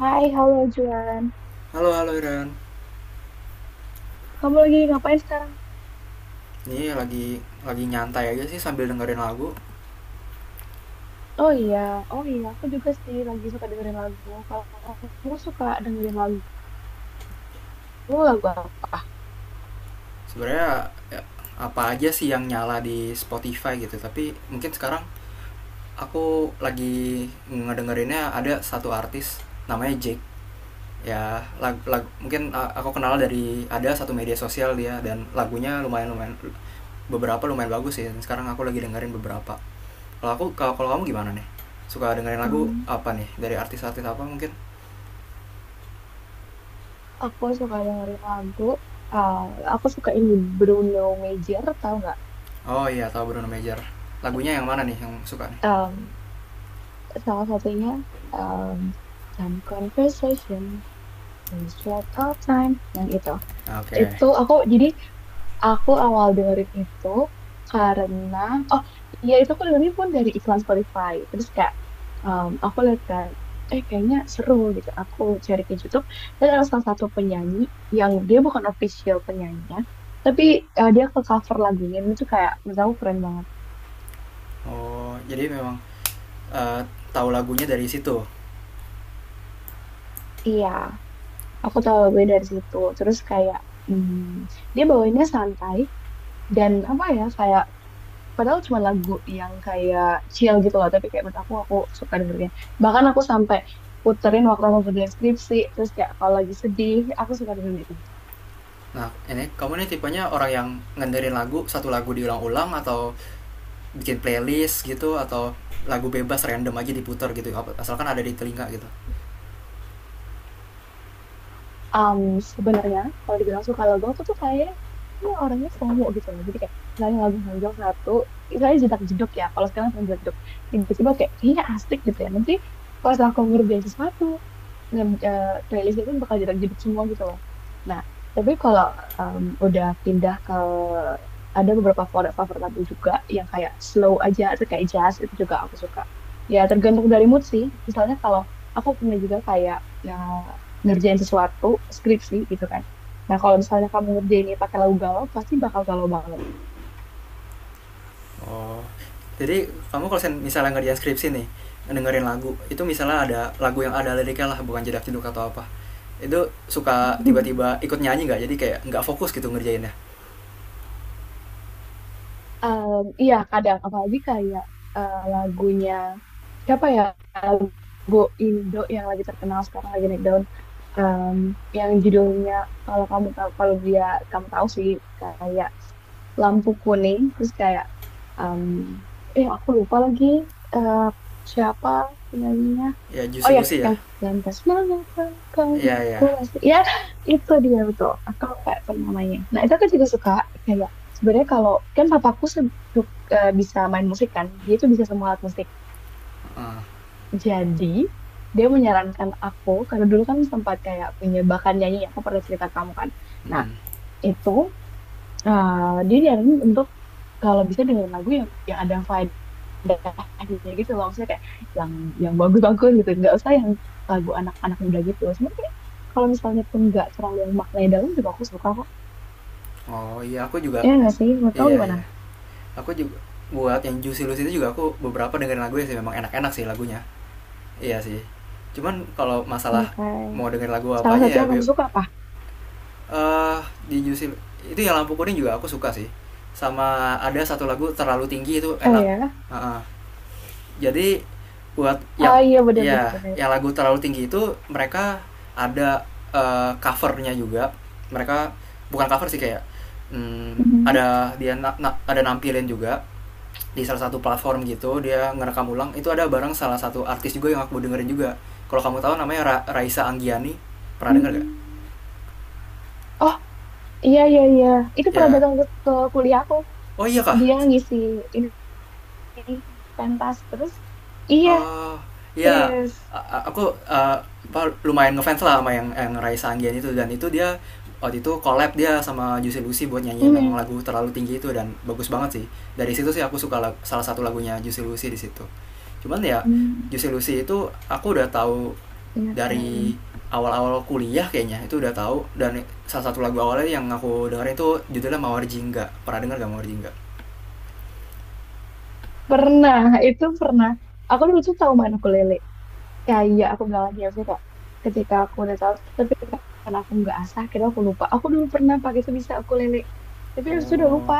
Hai, halo Juan. Halo halo Iren. Kamu lagi ngapain sekarang? Ini lagi nyantai aja sih sambil dengerin lagu. Oh iya, oh iya, aku juga sih lagi suka dengerin lagu. Kalau kamu suka dengerin lagu, lagu apa? Sebenarnya ya, apa aja sih yang nyala di Spotify gitu, tapi mungkin sekarang aku lagi ngedengerinnya ada satu artis namanya Jake. Ya, lag, lag- mungkin aku kenal dari ada satu media sosial dia dan lagunya lumayan lumayan beberapa lumayan bagus sih. Sekarang aku lagi dengerin beberapa. Kalau aku kalau kalau kamu gimana nih? Suka dengerin lagu Em, apa nih? Dari artis-artis apa mungkin? aku suka dengerin lagu. eh, aku suka ini Bruno Major, tahu nggak? Oh iya, tahu Bruno Major. Lagunya yang mana nih yang suka nih? Em, Salah satunya em, Some Conversation, Strike Out Time, yang itu. Oke. Okay. Itu aku awal dengerin itu karena oh iya itu aku dengerin pun dari iklan Spotify. Terus kayak aku lihat kan kayaknya seru gitu. Aku cari ke YouTube dan ada salah satu penyanyi yang dia bukan official penyanyinya, tapi dia ke cover lagunya dan itu kayak menurut aku keren banget. Oh, jadi memang eh, tahu lagunya dari situ. Iya, aku tahu lagunya dari situ. Terus kayak hmm, dia bawainnya santai dan apa ya kayak padahal cuma lagu yang kayak chill gitu loh, tapi kayak menurut aku suka dengernya. Bahkan aku sampai puterin waktu aku kerja skripsi, terus kayak kalau lagi sedih, aku suka dengerin itu. Nah, ini kamu nih tipenya orang yang ngenderin lagu satu lagu diulang-ulang atau bikin playlist gitu atau lagu bebas random aja diputar gitu asalkan ada di telinga gitu. Um, Sebenarnya kalau dibilang suka lagu, aku tuh kayak orangnya FOMO gitu loh. Jadi kayak misalnya lagu muncul satu, misalnya jedak jeduk ya, kalau sekarang pernah jeduk, tiba-tiba kayak kayaknya asik gitu ya. Nanti pas aku ngerjain sesuatu, nge eh, playlist itu bakal jebak-jebak semua gitu loh. Nah, tapi kalau udah pindah ke ada beberapa favorit favorit lagu juga yang kayak slow aja atau kayak jazz itu juga aku suka. Ya tergantung dari mood sih. Misalnya kalau aku punya juga kayak ya, ngerjain sesuatu skripsi gitu kan. Nah kalau misalnya kamu ngerjain ini pakai lagu galau pasti bakal galau banget. Oh. Jadi kamu kalau misalnya ngerjain skripsi nih dengerin lagu itu, misalnya ada lagu yang ada liriknya lah bukan jedak jeduk atau apa, itu suka tiba-tiba ikut nyanyi nggak, jadi kayak nggak fokus gitu ngerjainnya? Iya kadang apalagi kayak lagunya siapa ya? Bu Indo yang lagi terkenal sekarang lagi naik daun. Em, yang judulnya kalau kamu tahu kalau dia kamu tahu sih kayak lampu kuning terus kayak em, aku lupa lagi, eh, siapa penyanyinya. Ya, Oh juicy ya, lucy ya. yang lantas mana kau Iya mau ku ya. masih ya. Itu dia, betul, aku lupa apa namanya. Nah itu aku juga suka, kayak sebenarnya kalau kan papaku bisa main musik kan, dia tuh bisa semua alat musik. Heeh. Jadi dia menyarankan aku, karena dulu kan sempat kayak punya bakat nyanyi, aku pernah cerita ke kamu kan. Nah, Mhm. itu eh, dia nyaranin untuk kalau bisa dengerin lagu yang ada faedahnya gitu loh. Maksudnya kayak yang yang bagus-bagus gitu. Nggak usah yang lagu anak-anak muda gitu. Cuma kayak kalau misalnya pun nggak terlalu yang maknanya dalam juga aku suka kok. Oh iya aku juga. Ya nggak sih? Menurut kamu Iya gimana? ya. Aku juga, buat yang Juicy Luice itu juga aku beberapa dengerin lagunya sih, memang enak-enak sih lagunya. Iya sih. Cuman kalau Iya, masalah kayak mau dengerin lagu salah apa satu aja ya yang be kamu suka apa? eh di Juicy itu yang Lampu Kuning juga aku suka sih. Sama ada satu lagu Terlalu Tinggi itu Oh enak. ya? Heeh. Jadi buat yang Ah iya, benar-benar. ya Bener, bener, bener. yang lagu terlalu tinggi itu mereka ada covernya juga, mereka bukan cover sih, kayak hmm, Mhm. ada dia ada nampilin juga di salah satu platform gitu, dia ngerekam ulang itu ada bareng salah satu artis juga yang aku dengerin juga, kalau kamu tahu namanya Raisa Anggiani, pernah denger gak? Hmm. Oh, iya, iya, iya. Itu pernah Ya. datang ke kuliahku. Oh iya kah. Dia ngisi ini pentas terus. Iya, Oh, ya. serius. Aku eh, apa, lumayan ngefans lah sama yang Raisa Anggian itu, dan itu dia waktu itu collab dia sama Juicy Lucy buat nyanyiin yang Hmm. lagu terlalu tinggi itu dan bagus banget sih. Dari situ sih aku suka salah satu lagunya Juicy Lucy di situ. Cuman ya, Hmm. Juicy Lucy itu aku udah tahu Iya kan. dari awal-awal kuliah kayaknya, itu udah tahu dan salah satu lagu awalnya yang aku dengerin itu judulnya Mawar Jingga. Pernah denger gak Mawar Jingga? Pernah, itu pernah. Aku dulu tuh tahu main ukulele. Kayak aku bilang lagi ya, maksudnya kayak ketika aku udah tahu, tapi karena aku nggak asah, akhirnya aku lupa. Aku dulu pernah pakai sebisa ukulele. Tapi aku sudah lupa. Oh,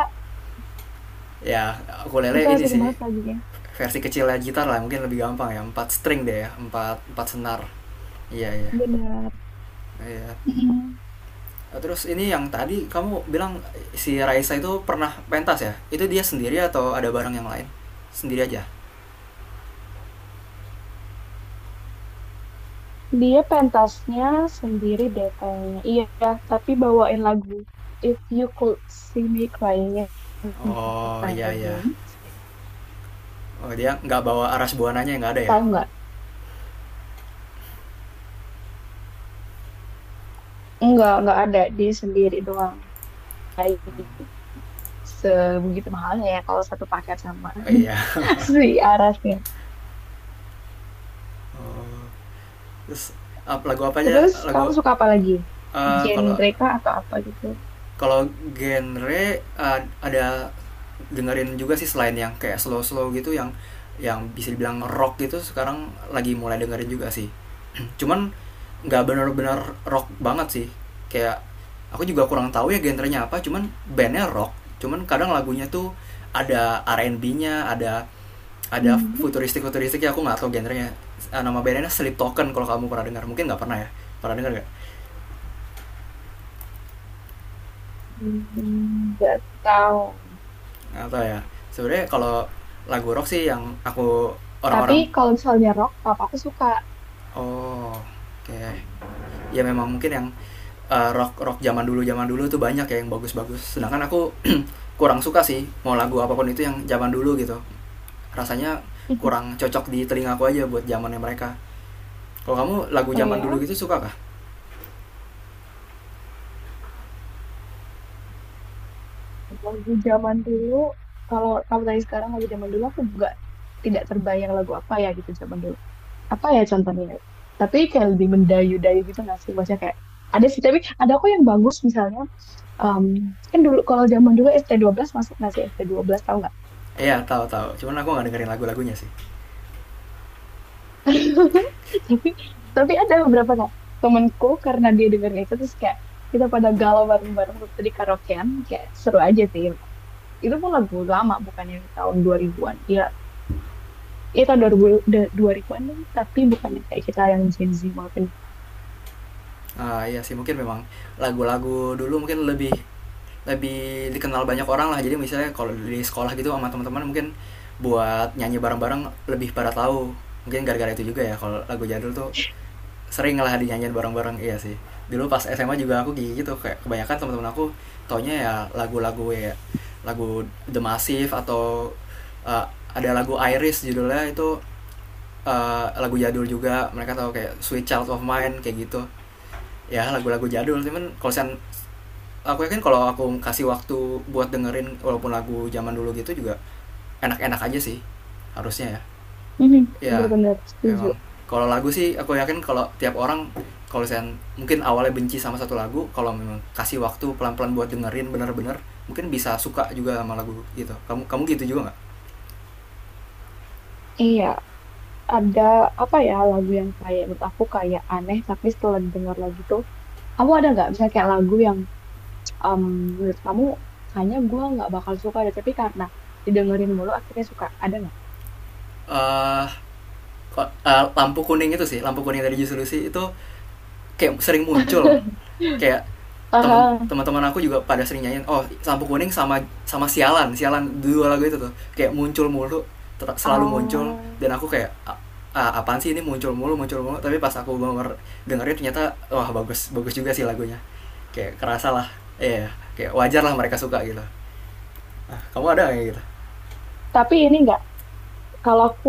ya. Aku lele Itu ini asik sih banget lagunya. versi kecilnya gitar lah, mungkin lebih gampang ya, empat string deh, ya empat empat senar. Iya iya Benar. iya. Terus ini yang tadi kamu bilang si Raisa itu pernah pentas ya, itu dia sendiri atau ada barang yang lain? Sendiri aja. Dia pentasnya sendiri deh kayaknya. Iya, tapi bawain lagu If You Could See Me Crying in Oh My iya iya. Room. Oh dia nggak bawa aras buananya, nggak ada ya. Tahu nggak? Nggak ada. Dia sendiri doang. Kayak sebegitu mahalnya ya kalau satu paket sama Oh, iya. si Aras ya. Oh, terus lagu apa aja? Terus kamu Lagu suka apa lagi? Kalau Genre kah atau apa gitu? kalau genre ada, dengerin juga sih selain yang kayak slow-slow gitu, yang bisa dibilang rock gitu sekarang lagi mulai dengerin juga sih. Cuman nggak benar-benar rock banget sih. Kayak aku juga kurang tahu ya genrenya apa, cuman bandnya rock. Cuman kadang lagunya tuh ada R&B-nya, ada Hmm, futuristik futuristik ya aku nggak tahu genrenya. Nama bandnya Sleep Token, kalau kamu pernah dengar, mungkin nggak pernah ya. Pernah dengar nggak? nggak tahu. Apa ya, sebenarnya kalau lagu rock sih yang aku Tapi orang-orang, kalau misalnya rock, papa aku suka. oh kayak ya memang mungkin yang rock rock zaman dulu tuh banyak ya yang bagus-bagus, sedangkan aku kurang suka sih mau lagu apapun itu yang zaman dulu gitu, rasanya kurang cocok di telinga aku aja buat zamannya mereka. Kalau kamu lagu Oh zaman dulu ya? gitu suka kah? Lagu zaman dulu, kalau kamu tanya sekarang lagu zaman dulu aku juga tidak terbayang lagu apa ya gitu zaman dulu. Apa ya contohnya? Ya? Tapi kayak lebih mendayu-dayu gitu nggak sih? Maksudnya kayak ada sih, tapi ada kok yang bagus misalnya. em, Kan dulu kalau zaman dulu belas masuk nggak sih? ST12 tahu nggak? Iya tahu tahu, cuman aku nggak dengerin lagu-lagunya sih. tapi tapi ada beberapa kok temenku, karena dia dengerin itu terus kayak kita pada galau bareng-bareng waktu di karaokean kayak seru aja sih. Itu pun lagu lama, bukan yang tahun 2000-an dia. Iya, tahun dua da- an an, tapi bukan yang kayak kita yang Gen Z maupun. Ah iya sih mungkin memang lagu-lagu dulu mungkin lebih lebih dikenal banyak orang lah, jadi misalnya kalau di sekolah gitu sama teman-teman mungkin buat nyanyi bareng-bareng lebih pada tahu, mungkin gara-gara itu juga ya kalau lagu jadul tuh sering lah dinyanyiin bareng-bareng, iya sih. Dulu pas SMA juga aku gitu, kayak kebanyakan teman-teman aku taunya ya lagu-lagu, ya lagu The Massive atau uh, ada lagu Iris judulnya itu, lagu jadul juga mereka tahu kayak Sweet Child of Mine kayak gitu, ya lagu-lagu jadul. Cuman kalau sen, aku yakin kalau aku kasih waktu buat dengerin walaupun lagu zaman dulu gitu juga enak-enak aja sih harusnya ya. Mhm, Ya bener-bener memang, setuju. kalau lagu sih aku yakin kalau tiap orang, kalau saya mungkin awalnya benci sama satu lagu, kalau memang kasih waktu pelan-pelan buat dengerin bener-bener mungkin bisa suka juga sama lagu gitu. Kamu kamu gitu juga nggak? Iya, ada apa ya lagu yang kayak menurut aku kayak aneh, tapi setelah didengar lagi tuh, kamu ada nggak misalnya kayak lagu yang em, menurut kamu kayaknya gua nggak bakal suka deh, tapi karena didengerin mulu akhirnya suka, ada nggak? Eh, Lampu kuning itu sih, Lampu Kuning dari Juicy Lucy itu kayak sering muncul, kayak temen Aha. teman-teman aku juga pada sering nyanyiin, oh Lampu Kuning sama sama sialan sialan, dua lagu itu tuh kayak muncul mulu, selalu muncul, dan Ah, aku kayak ah, apaan sih ini muncul mulu muncul mulu", tapi pas aku dengerin ternyata wah bagus bagus juga sih lagunya, kayak kerasa lah, ya yeah, kayak wajar lah mereka suka gitu. Nah, kamu ada nggak kayak gitu? tapi ini nggak, kalau aku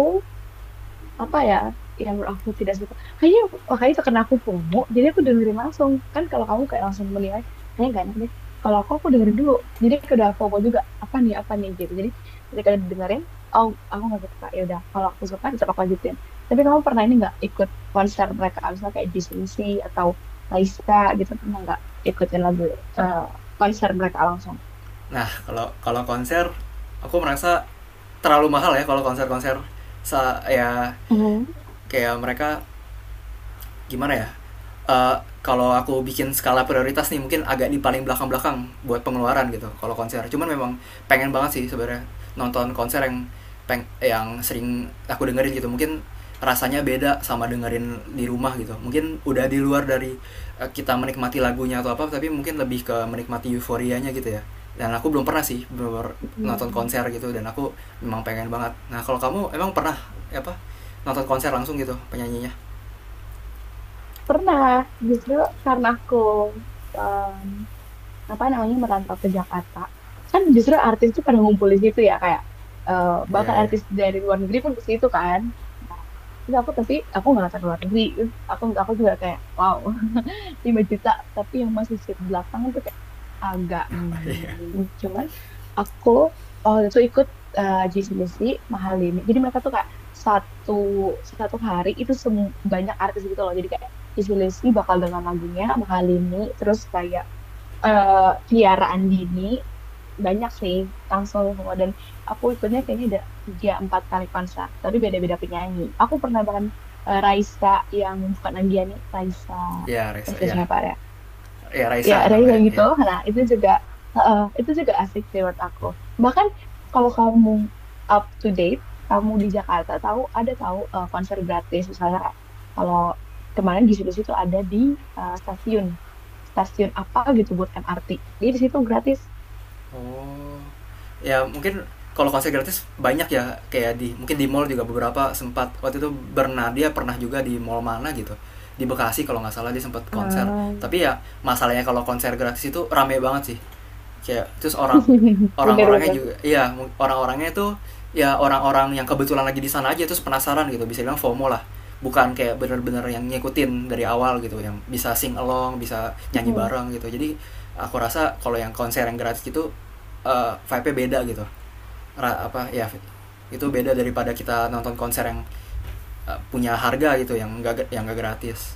apa ya, yang menurut aku tidak suka kayaknya makanya itu karena aku FOMO jadi aku dengerin langsung kan. Kalau kamu kayak langsung menilai kayaknya gak enak deh. Kalau aku dengerin dulu. Jadi aku udah FOMO juga, apa nih gitu. Jadi ketika dengerin oh aku nggak suka ya udah. Kalau aku suka tetap aku lanjutin. Tapi kamu pernah ini nggak, ikut konser mereka, misalnya kayak Disney atau Raisa gitu, pernah nggak ikutin lagu, eh, konser mereka langsung? Nah kalau kalau konser, aku merasa terlalu mahal ya kalau konser-konser sa ya, Oh, kayak mereka gimana ya, eh, kalau aku bikin skala prioritas nih mungkin agak di paling belakang-belakang buat pengeluaran gitu kalau konser. Cuman memang pengen banget sih sebenarnya nonton konser yang peng yang sering aku dengerin gitu. Mungkin rasanya beda sama dengerin di rumah gitu. Mungkin udah di luar dari kita menikmati lagunya atau apa, tapi mungkin lebih ke menikmati euforianya gitu ya. Dan aku belum pernah sih bener nonton hmm. konser gitu, dan aku memang pengen banget. Nah, kalau kamu emang pernah apa nonton konser langsung gitu penyanyinya? Pernah, justru karena aku eh, apa namanya merantau ke Jakarta kan, justru artis tuh pada ngumpul di situ ya kayak Iya, bahkan iya. artis dari luar negeri pun ke situ kan. Nah, terus aku, tapi aku nggak nonton luar negeri. Terus aku juga kayak wow, 5 juta, tapi yang masih seat belakang tuh kayak agak hmm, cuman aku oh itu ikut JCBC mahal ini. Jadi mereka tuh kayak satu satu hari itu sem, banyak artis gitu loh. Jadi kayak G C JCBC bakal dengan lagunya mahal ini, terus kayak eh Tiara Andini, banyak sih langsung semua. Dan aku ikutnya kayaknya ada 3 atau 4 kali konser tapi beda-beda penyanyi. Aku pernah bahkan Raisa yang bukan Andiani. Raisa Iya, Reza, Raisa iya. siapa ya, Ya ya Raisa Reza namanya gitu. ya. Nah itu juga itu juga asik sih menurut aku. Bahkan kalau kamu up to date, kamu di Jakarta tahu ada tahu, konser gratis misalnya, kayak kalau kemarin di situ situ ada di stasiun stasiun apa gitu buat MRT, jadi di situ gratis. Oh. Ya mungkin kalau konser gratis banyak ya, kayak di mungkin di mall juga, beberapa sempat waktu itu Bernadia pernah juga di mall mana gitu di Bekasi kalau nggak salah dia sempat konser. Ah, Tapi ya masalahnya kalau konser gratis itu rame banget sih, kayak terus orang-orangnya bener-bener, juga iya, orang-orangnya itu ya orang-orang yang kebetulan lagi di sana aja terus penasaran gitu, bisa bilang FOMO lah, bukan kayak bener-bener yang ngikutin dari awal gitu yang bisa sing along, bisa nyanyi hmm, bareng gitu. Jadi aku rasa kalau yang konser yang gratis gitu vibe-nya beda gitu, apa ya, itu beda daripada kita nonton konser yang punya harga gitu yang nggak gratis.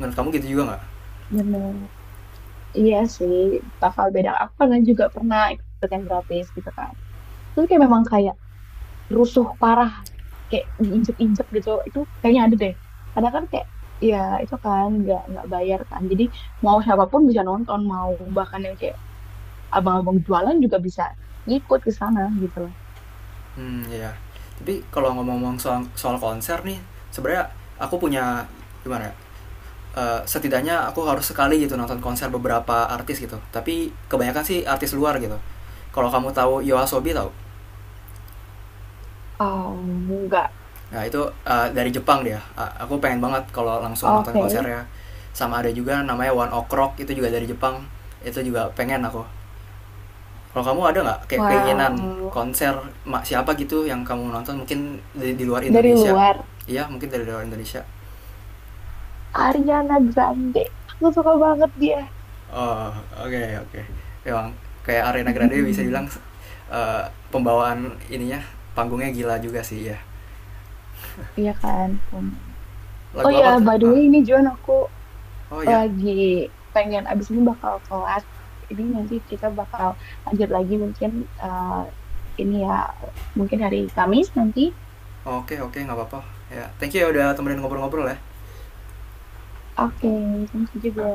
Menurut kamu gitu juga nggak? bener. Iya sih, bakal beda. Aku karena juga pernah ikut yang gratis gitu kan. Terus kayak memang kayak rusuh parah, kayak diinjek-injek gitu itu kayaknya ada deh. Karena kan kayak ya itu kan nggak bayar kan, jadi mau siapapun bisa nonton, mau bahkan yang kayak abang-abang jualan juga bisa ngikut ke sana gitu loh. Hmm, ya. Tapi kalau ngomong-ngomong soal soal konser nih, sebenarnya aku punya, gimana ya? Setidaknya aku harus sekali gitu nonton konser beberapa artis gitu. Tapi kebanyakan sih artis luar gitu. Kalau kamu tahu Yoasobi, tahu? Oh, enggak. Nah, itu dari Jepang dia. Aku pengen banget kalau langsung nonton Oke. konsernya. Sama ada juga namanya One Ok Rock, itu juga dari Jepang. Itu juga pengen aku. Kalau kamu ada nggak kayak keinginan Wow. konser siapa gitu yang kamu nonton mungkin di, luar Dari Indonesia? luar. Iya, mungkin dari luar Indonesia. Ariana Grande, aku suka banget dia. Oh, oke, okay, oke. Memang kayak Arena Grande bisa dibilang eh, pembawaan ininya, panggungnya gila juga sih ya. Iya kan? Kan. Oh Lagu ya apa tuh? by the Ah, way ini John, aku oh ya. lagi pengen abis ini bakal kelas. Jadi nanti kita bakal lanjut lagi mungkin, eh, ini ya, mungkin hari Kamis nanti. Oke, oke, nggak apa-apa. Ya, thank you ya udah temenin ngobrol-ngobrol ya. Oke, thank you juga.